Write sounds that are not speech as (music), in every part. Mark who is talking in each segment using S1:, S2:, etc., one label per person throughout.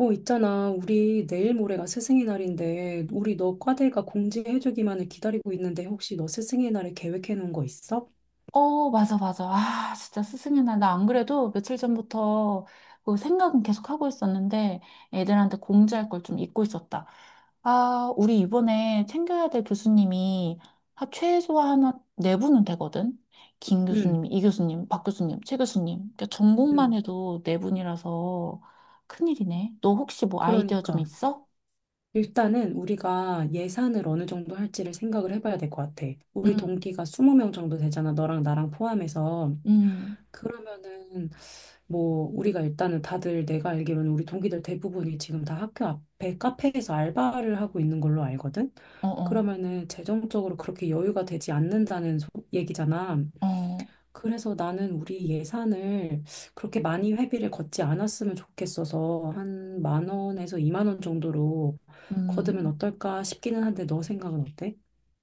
S1: 어, 있잖아. 우리 내일 모레가 스승의 날인데, 우리 너 과대가 공지해주기만을 기다리고 있는데, 혹시 너 스승의 날에 계획해 놓은 거 있어?
S2: 맞아, 맞아. 아, 진짜 스승의 날. 나 안 그래도 며칠 전부터 그 생각은 계속 하고 있었는데 애들한테 공지할 걸 좀 잊고 있었다. 아, 우리 이번에 챙겨야 될 교수님이 한 최소한 한네 분은 되거든. 김 교수님,
S1: 응,
S2: 이 교수님, 박 교수님, 최 교수님. 그러니까 전공만
S1: 응.
S2: 해도 네 분이라서 큰일이네. 너 혹시 뭐 아이디어 좀
S1: 그러니까.
S2: 있어?
S1: 일단은 우리가 예산을 어느 정도 할지를 생각을 해봐야 될 것 같아. 우리
S2: 응,
S1: 동기가 20명 정도 되잖아. 너랑 나랑 포함해서.
S2: 응,
S1: 그러면은 뭐 우리가 일단은 다들 내가 알기로는 우리 동기들 대부분이 지금 다 학교 앞에 카페에서 알바를 하고 있는 걸로 알거든.
S2: 어, 어,
S1: 그러면은 재정적으로 그렇게 여유가 되지 않는다는 얘기잖아.
S2: 어,
S1: 그래서 나는 우리 예산을 그렇게 많이 회비를 걷지 않았으면 좋겠어서 한 만 원에서 2만 원 정도로 걷으면
S2: 음.
S1: 어떨까 싶기는 한데 너 생각은 어때?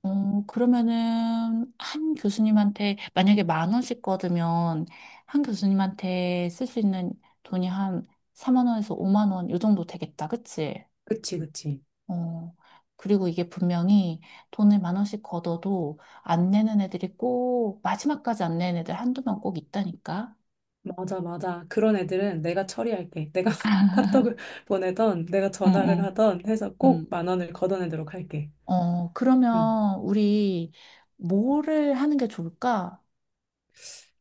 S2: 그러면은 한 교수님한테 만약에 만 원씩 거두면 한 교수님한테 쓸 수 있는 돈이 한 4만 원에서 5만 원 요 정도 되겠다. 그치?
S1: 그치, 그치.
S2: 어. 그리고 이게 분명히 돈을 만 원씩 걷어도 안 내는 애들이 꼭 마지막까지 안 내는 애들 한두 명 꼭 있다니까.
S1: 맞아, 맞아. 그런 애들은 내가 처리할게. 내가 (laughs) 카톡을 보내던, 내가
S2: 응,
S1: 전화를
S2: 응,
S1: 하던 해서 꼭
S2: 응.
S1: 만 원을 걷어내도록 할게. 음.
S2: 그러면 우리 뭐를 하는 게 좋을까?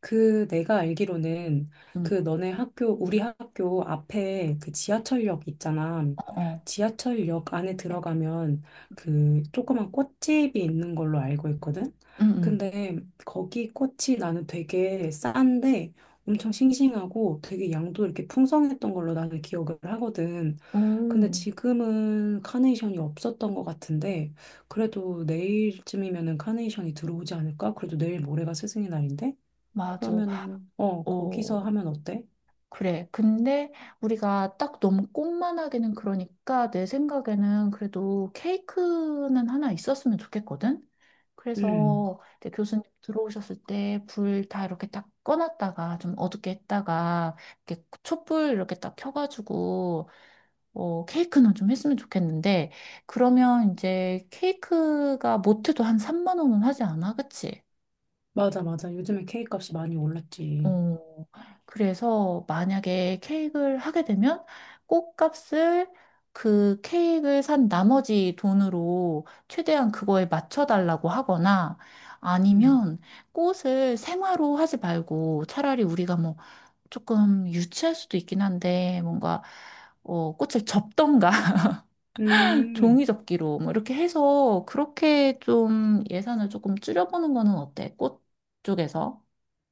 S1: 그 내가 알기로는
S2: 응.
S1: 그 너네 학교, 우리 학교 앞에 그 지하철역 있잖아.
S2: 어. 어.
S1: 지하철역 안에 들어가면 그 조그만 꽃집이 있는 걸로 알고 있거든.
S2: 응, 응,
S1: 근데 거기 꽃이 나는 되게 싼데 엄청 싱싱하고 되게 양도 이렇게 풍성했던 걸로 나는 기억을 하거든. 근데
S2: 오,
S1: 지금은 카네이션이 없었던 것 같은데 그래도 내일쯤이면은 카네이션이 들어오지 않을까? 그래도 내일 모레가 스승의 날인데?
S2: 맞아.
S1: 그러면은, 어, 거기서
S2: 어,
S1: 하면 어때?
S2: 그래. 근데 우리가 딱 너무 꽃만 하기는 그러니까 내 생각에는 그래도 케이크는 하나 있었으면 좋겠거든?
S1: 음,
S2: 그래서 이제 교수님 들어오셨을 때 불 다 이렇게 딱 꺼놨다가 좀 어둡게 했다가 이렇게 촛불 이렇게 딱 켜가지고 케이크는 좀 했으면 좋겠는데 그러면 이제 케이크가 모트도 한 3만 원은 하지 않아? 그치?
S1: 맞아, 맞아. 요즘에 K값이 많이 올랐지.
S2: 어, 그래서 만약에 케이크를 하게 되면 꽃값을 그 케이크를 산 나머지 돈으로 최대한 그거에 맞춰달라고 하거나
S1: 음,
S2: 아니면 꽃을 생화로 하지 말고 차라리 우리가 뭐 조금 유치할 수도 있긴 한데 뭔가 꽃을 접던가 (laughs)
S1: 음,
S2: 종이 접기로 뭐 이렇게 해서 그렇게 좀 예산을 조금 줄여보는 거는 어때? 꽃 쪽에서?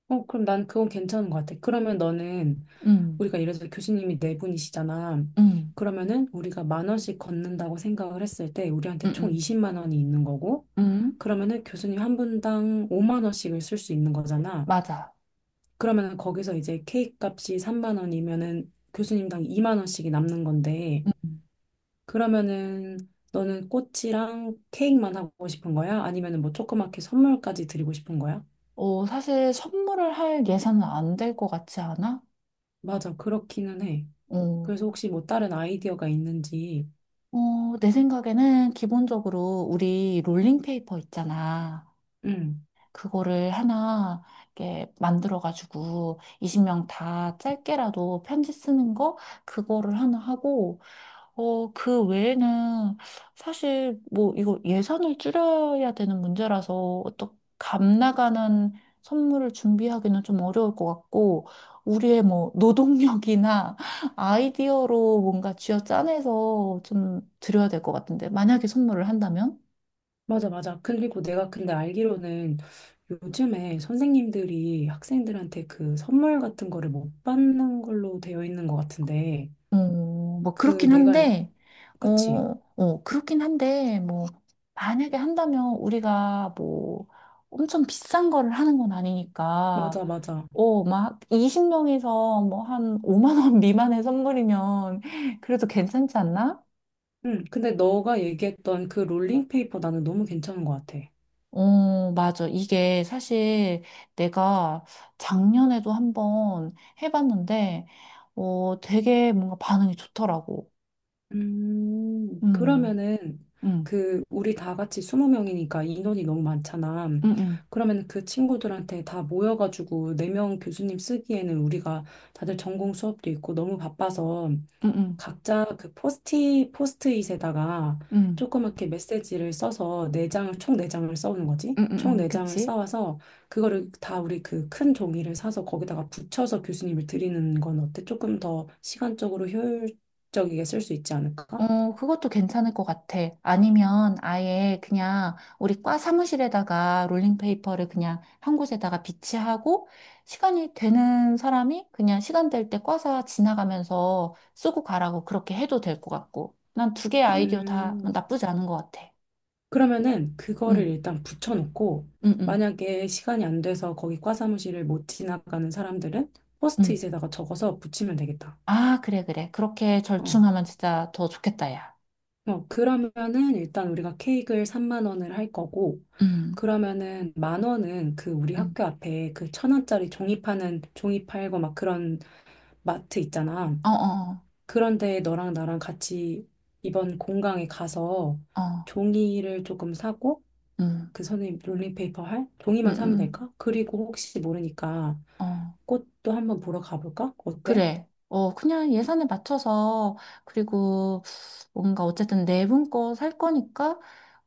S1: 어, 그럼 난 그건 괜찮은 것 같아. 그러면 너는,
S2: 음,
S1: 우리가 예를 들어 교수님이 네 분이시잖아.
S2: 음,
S1: 그러면은 우리가 1만 원씩 걷는다고 생각을 했을 때, 우리한테
S2: 음,
S1: 총
S2: 음.
S1: 20만 원이 있는 거고,
S2: 음.
S1: 그러면은 교수님 한 분당 5만 원씩을 쓸 수 있는 거잖아.
S2: 맞아.
S1: 그러면은 거기서 이제 K값이 3만 원이면은 교수님당 2만 원씩이 남는 건데,
S2: 음.
S1: 그러면은 너는 꽃이랑 케이크만 하고 싶은 거야? 아니면은 뭐 조그맣게 선물까지 드리고 싶은 거야?
S2: 사실 선물을 할 예산은 안 될 것 같지 않아?
S1: 맞아, 그렇기는 해.
S2: 어,
S1: 그래서 혹시 뭐 다른 아이디어가 있는지.
S2: 어, 내 생각에는 기본적으로 우리 롤링페이퍼 있잖아.
S1: 응,
S2: 그거를 하나 이렇게 만들어가지고 20명 다 짧게라도 편지 쓰는 거 그거를 하나 하고 그 외에는 사실 뭐 이거 예산을 줄여야 되는 문제라서 어떤 값 나가는 선물을 준비하기는 좀 어려울 것 같고 우리의 뭐 노동력이나 (laughs) 아이디어로 뭔가 쥐어짜내서 좀 드려야 될 것 같은데 만약에 선물을 한다면?
S1: 맞아, 맞아. 그리고 내가 근데 알기로는 요즘에 선생님들이 학생들한테 그 선물 같은 거를 못 받는 걸로 되어 있는 것 같은데,
S2: 어, 뭐
S1: 그
S2: 그렇긴
S1: 내가, 알-
S2: 한데 어,
S1: 그치?
S2: 어, 그렇긴 한데 뭐 만약에 한다면 우리가 뭐 엄청 비싼 거를 하는 건 아니니까
S1: 맞아, 맞아.
S2: 막 20명에서 뭐 한 5만 원 미만의 선물이면 그래도 괜찮지 않나?
S1: 응, 근데 너가 얘기했던 그 롤링페이퍼 나는 너무 괜찮은 것 같아.
S2: 맞아. 이게 사실 내가 작년에도 한번 해봤는데, 되게 뭔가 반응이 좋더라고. 음,
S1: 그러면은
S2: 음,
S1: 그 우리 다 같이 20명이니까 인원이 너무 많잖아.
S2: 음, 음,
S1: 그러면 그 친구들한테 다 모여가지고 4명 교수님 쓰기에는 우리가 다들 전공 수업도 있고 너무 바빠서
S2: 음, 음,
S1: 각자 그 포스트잇에다가
S2: 음,
S1: 조그맣게 메시지를 써서 네 장 총 네 장을 써오는 거지. 총 네 장을
S2: 그치?
S1: 써와서 그거를 다 우리 그 큰 종이를 사서 거기다가 붙여서 교수님을 드리는 건 어때? 조금 더 시간적으로 효율적이게 쓸 수 있지 않을까?
S2: 그것도 괜찮을 것 같아. 아니면 아예 그냥 우리 과 사무실에다가 롤링페이퍼를 그냥 한 곳에다가 비치하고 시간이 되는 사람이 그냥 시간 될 때 과사 지나가면서 쓰고 가라고 그렇게 해도 될 것 같고. 난 두 개의 아이디어 다
S1: 음,
S2: 나쁘지 않은 것 같아.
S1: 그러면은
S2: 응,
S1: 그거를 일단 붙여놓고
S2: 응, 응,
S1: 만약에 시간이 안 돼서 거기 과사무실을 못 지나가는 사람들은
S2: 응.
S1: 포스트잇에다가 적어서 붙이면 되겠다.
S2: 아, 그래, 그래. 그렇게
S1: 어.
S2: 절충하면 진짜 더 좋겠다, 야.
S1: 어, 그러면은 일단 우리가 케이크를 3만 원을 할 거고,
S2: 응,
S1: 그러면은 만 원은 그 우리
S2: 응.
S1: 학교 앞에 그 1,000원짜리 종이 파는 종이 팔고 막 그런 마트 있잖아.
S2: 어, 어,
S1: 그런데 너랑 나랑 같이 이번 공강에 가서
S2: 어, 어.
S1: 종이를 조금 사고,
S2: 응,
S1: 그 선생님 롤링페이퍼 할
S2: 응,
S1: 종이만 사면
S2: 응.
S1: 될까? 그리고 혹시 모르니까
S2: 어.
S1: 꽃도 한번 보러 가볼까? 어때?
S2: 그래. 그냥 예산에 맞춰서, 그리고 뭔가 어쨌든 네 분 거 살 거니까,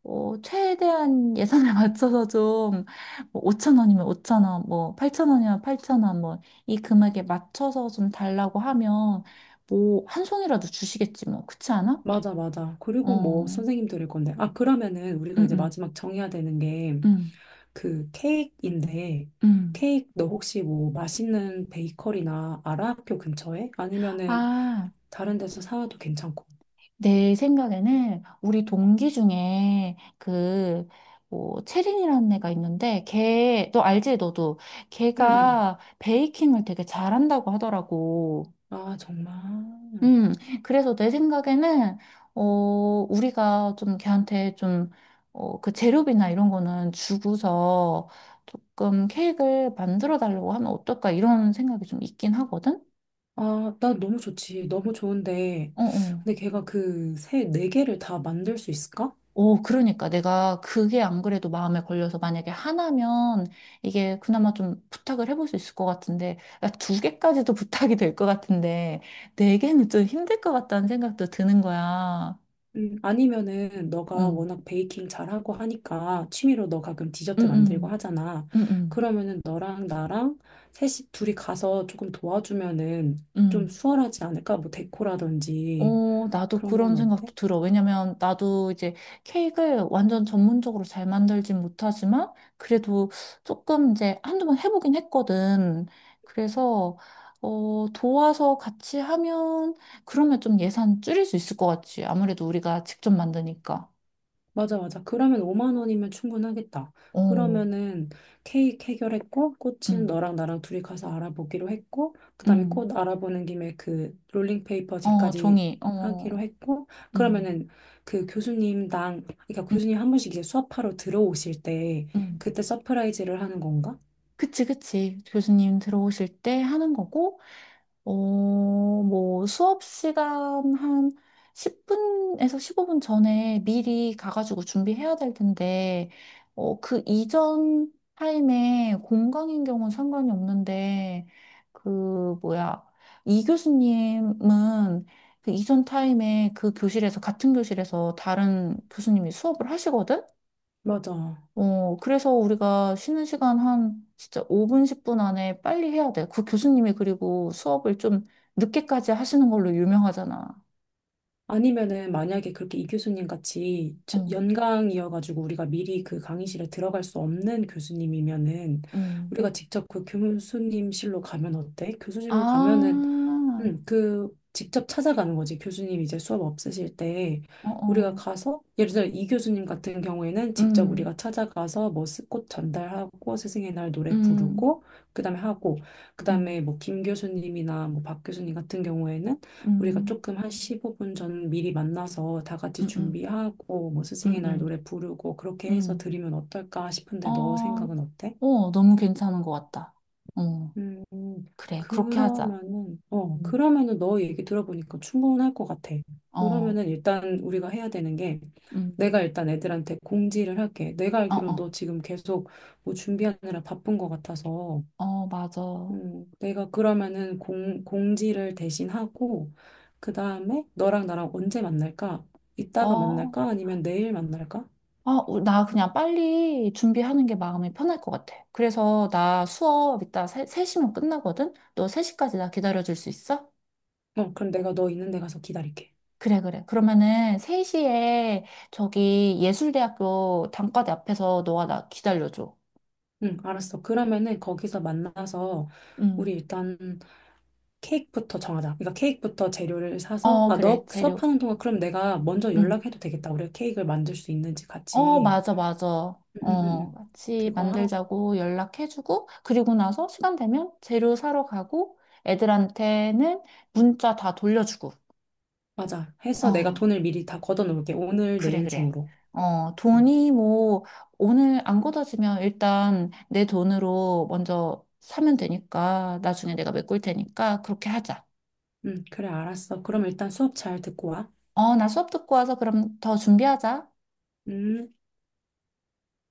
S2: 최대한 예산에 (laughs) 맞춰서 좀, 뭐 5천 원이면 5천 원, 뭐, 팔천 원이면 8천 원, 뭐, 이 금액에 맞춰서 좀 달라고 하면, 뭐, 한 송이라도 주시겠지, 뭐. 그렇지 않아?
S1: 맞아, 맞아. 그리고 뭐
S2: 어,
S1: 선생님 들을 건데. 아, 그러면은 우리가
S2: 응,
S1: 이제
S2: 응,
S1: 마지막 정해야 되는 게
S2: 응,
S1: 그 케이크인데
S2: 응.
S1: 케이크 너 혹시 뭐 맛있는 베이커리나 알아? 학교 근처에? 아니면은
S2: 아.
S1: 다른 데서 사와도 괜찮고.
S2: 내 생각에는 우리 동기 중에 그, 뭐, 채린이라는 애가 있는데, 걔, 너 알지, 너도?
S1: 응응.
S2: 걔가 베이킹을 되게 잘한다고 하더라고.
S1: 아 정말.
S2: 음, 그래서 내 생각에는, 어, 우리가 좀 걔한테 좀, 그 재료비나 이런 거는 주고서 조금 케이크를 만들어 달라고 하면 어떨까, 이런 생각이 좀 있긴 하거든?
S1: 아 나 너무 좋지. 너무 좋은데
S2: 어, 어.
S1: 근데 걔가 그 세 네 개를 다 만들 수 있을까?
S2: 오, 그러니까 내가 그게 안 그래도 마음에 걸려서 만약에 하나면 이게 그나마 좀 부탁을 해볼 수 있을 것 같은데, 야, 두 개까지도 (laughs) 부탁이 될 것 같은데, 네 개는 좀 힘들 것 같다는 생각도 드는 거야.
S1: 아니면은
S2: 어,
S1: 너가
S2: 응,
S1: 워낙 베이킹 잘하고 하니까 취미로 너 가끔 디저트
S2: 응,
S1: 만들고
S2: 응,
S1: 하잖아.
S2: 응,
S1: 그러면은 너랑 나랑 셋이 둘이 가서 조금 도와주면은
S2: 응.
S1: 좀 수월하지 않을까? 뭐 데코라든지
S2: 나도
S1: 그런 건
S2: 그런
S1: 어때?
S2: 생각도 들어. 왜냐면 나도 이제 케이크를 완전 전문적으로 잘 만들진 못하지만 그래도 조금 이제 한두 번 해보긴 했거든. 그래서 도와서 같이 하면 그러면 좀 예산 줄일 수 있을 것 같지. 아무래도 우리가 직접 만드니까.
S1: 맞아, 맞아. 그러면 5만 원이면 충분하겠다.
S2: 어,
S1: 그러면은 케이크 해결했고, 꽃은
S2: 음,
S1: 너랑 나랑 둘이 가서 알아보기로 했고, 그다음에
S2: 음,
S1: 꽃 알아보는 김에 그
S2: 어,
S1: 롤링페이퍼지까지
S2: 종이, 어,
S1: 하기로 했고,
S2: 음,
S1: 그러면은 그 교수님당, 그러니까
S2: 음,
S1: 교수님 한 번씩 이제 수업하러 들어오실 때,
S2: 음.
S1: 그때 서프라이즈를 하는 건가?
S2: 그치, 그치. 교수님 들어오실 때 하는 거고. 어, 뭐 수업 시간 한 10분에서 15분 전에 미리 가가지고 준비해야 될 텐데, 그 이전 타임에 공강인 경우는 상관이 없는데, 그, 뭐야, 이 교수님은 그 이전 타임에 그 교실에서, 같은 교실에서 다른 교수님이 수업을 하시거든?
S1: 맞아.
S2: 그래서 우리가 쉬는 시간 한 진짜 5분, 10분 안에 빨리 해야 돼. 그 교수님이 그리고 수업을 좀 늦게까지 하시는 걸로 유명하잖아.
S1: 아니면은 만약에 그렇게 이 교수님 같이
S2: 어,
S1: 연강이어가지고 우리가 미리 그 강의실에 들어갈 수 없는 교수님이면은
S2: 음.
S1: 우리가 직접 그 교수님실로 가면 어때? 교수실로 가면은
S2: 아,
S1: 그 직접 찾아가는 거지. 교수님 이제 수업 없으실 때
S2: 어,
S1: 우리가
S2: 어.
S1: 가서 예를 들어 이 교수님 같은 경우에는 직접
S2: 음,
S1: 우리가 찾아가서 뭐 꽃 전달하고 스승의 날 노래
S2: 음,
S1: 부르고 그다음에 하고
S2: 음,
S1: 그다음에 뭐 김 교수님이나 뭐 박 교수님 같은 경우에는 우리가
S2: 음,
S1: 조금 한 15분 전 미리 만나서 다 같이
S2: 음, 음,
S1: 준비하고 뭐
S2: 음,
S1: 스승의 날
S2: 음.
S1: 노래 부르고 그렇게 해서
S2: 음.
S1: 드리면 어떨까 싶은데 너
S2: 어,
S1: 생각은 어때?
S2: 어, 너무 괜찮은 것 같다. 어,
S1: 음,
S2: 그래. 그렇게 하자.
S1: 그러면은, 어,
S2: 음.
S1: 그러면은 너 얘기 들어보니까 충분할 것 같아.
S2: 어,
S1: 그러면은 일단 우리가 해야 되는 게,
S2: 음.
S1: 내가 일단 애들한테 공지를 할게. 내가
S2: 어,
S1: 알기로는 너
S2: 어.
S1: 지금 계속 뭐 준비하느라 바쁜 것 같아서,
S2: 어, 맞아.
S1: 내가 그러면은 공지를 대신 하고, 그 다음에 너랑 나랑 언제 만날까? 이따가
S2: 어.
S1: 만날까? 아니면 내일 만날까?
S2: 아, 우- 나 그냥 빨리 준비하는 게 마음이 편할 것 같아. 그래서 나 수업 이따 세, 3시면 끝나거든? 너 3시까지 나 기다려줄 수 있어?
S1: 어, 그럼 내가 너 있는 데 가서 기다릴게.
S2: 그래, 그래. 그러면은 3시에 저기 예술대학교 단과대 앞에서 너가 나 기다려줘.
S1: 응, 알았어. 그러면은 거기서 만나서,
S2: 응.
S1: 우리 일단 케이크부터 정하자. 그러니까 케이크부터 재료를 사서,
S2: 어,
S1: 아,
S2: 그래.
S1: 너
S2: 재료.
S1: 수업하는 동안 그럼 내가 먼저
S2: 응.
S1: 연락해도 되겠다. 우리가 케이크를 만들 수 있는지
S2: 어,
S1: 같이.
S2: 맞아, 맞아.
S1: 음, 음, 음.
S2: 같이
S1: 그거 하고,
S2: 만들자고 연락해주고, 그리고 나서 시간 되면 재료 사러 가고, 애들한테는 문자 다 돌려주고.
S1: 맞아. 해서 내가
S2: 어.
S1: 돈을 미리 다 걷어놓을게. 오늘,
S2: 그래,
S1: 내일
S2: 그래.
S1: 중으로.
S2: 어,
S1: 음,
S2: 돈이 뭐, 오늘 안 걷어지면 일단 내 돈으로 먼저 사면 되니까, 나중에 내가 메꿀 테니까, 그렇게 하자.
S1: 그래, 알았어. 그럼 일단 수업 잘 듣고 와.
S2: 나 수업 듣고 와서 그럼 더 준비하자.
S1: 음.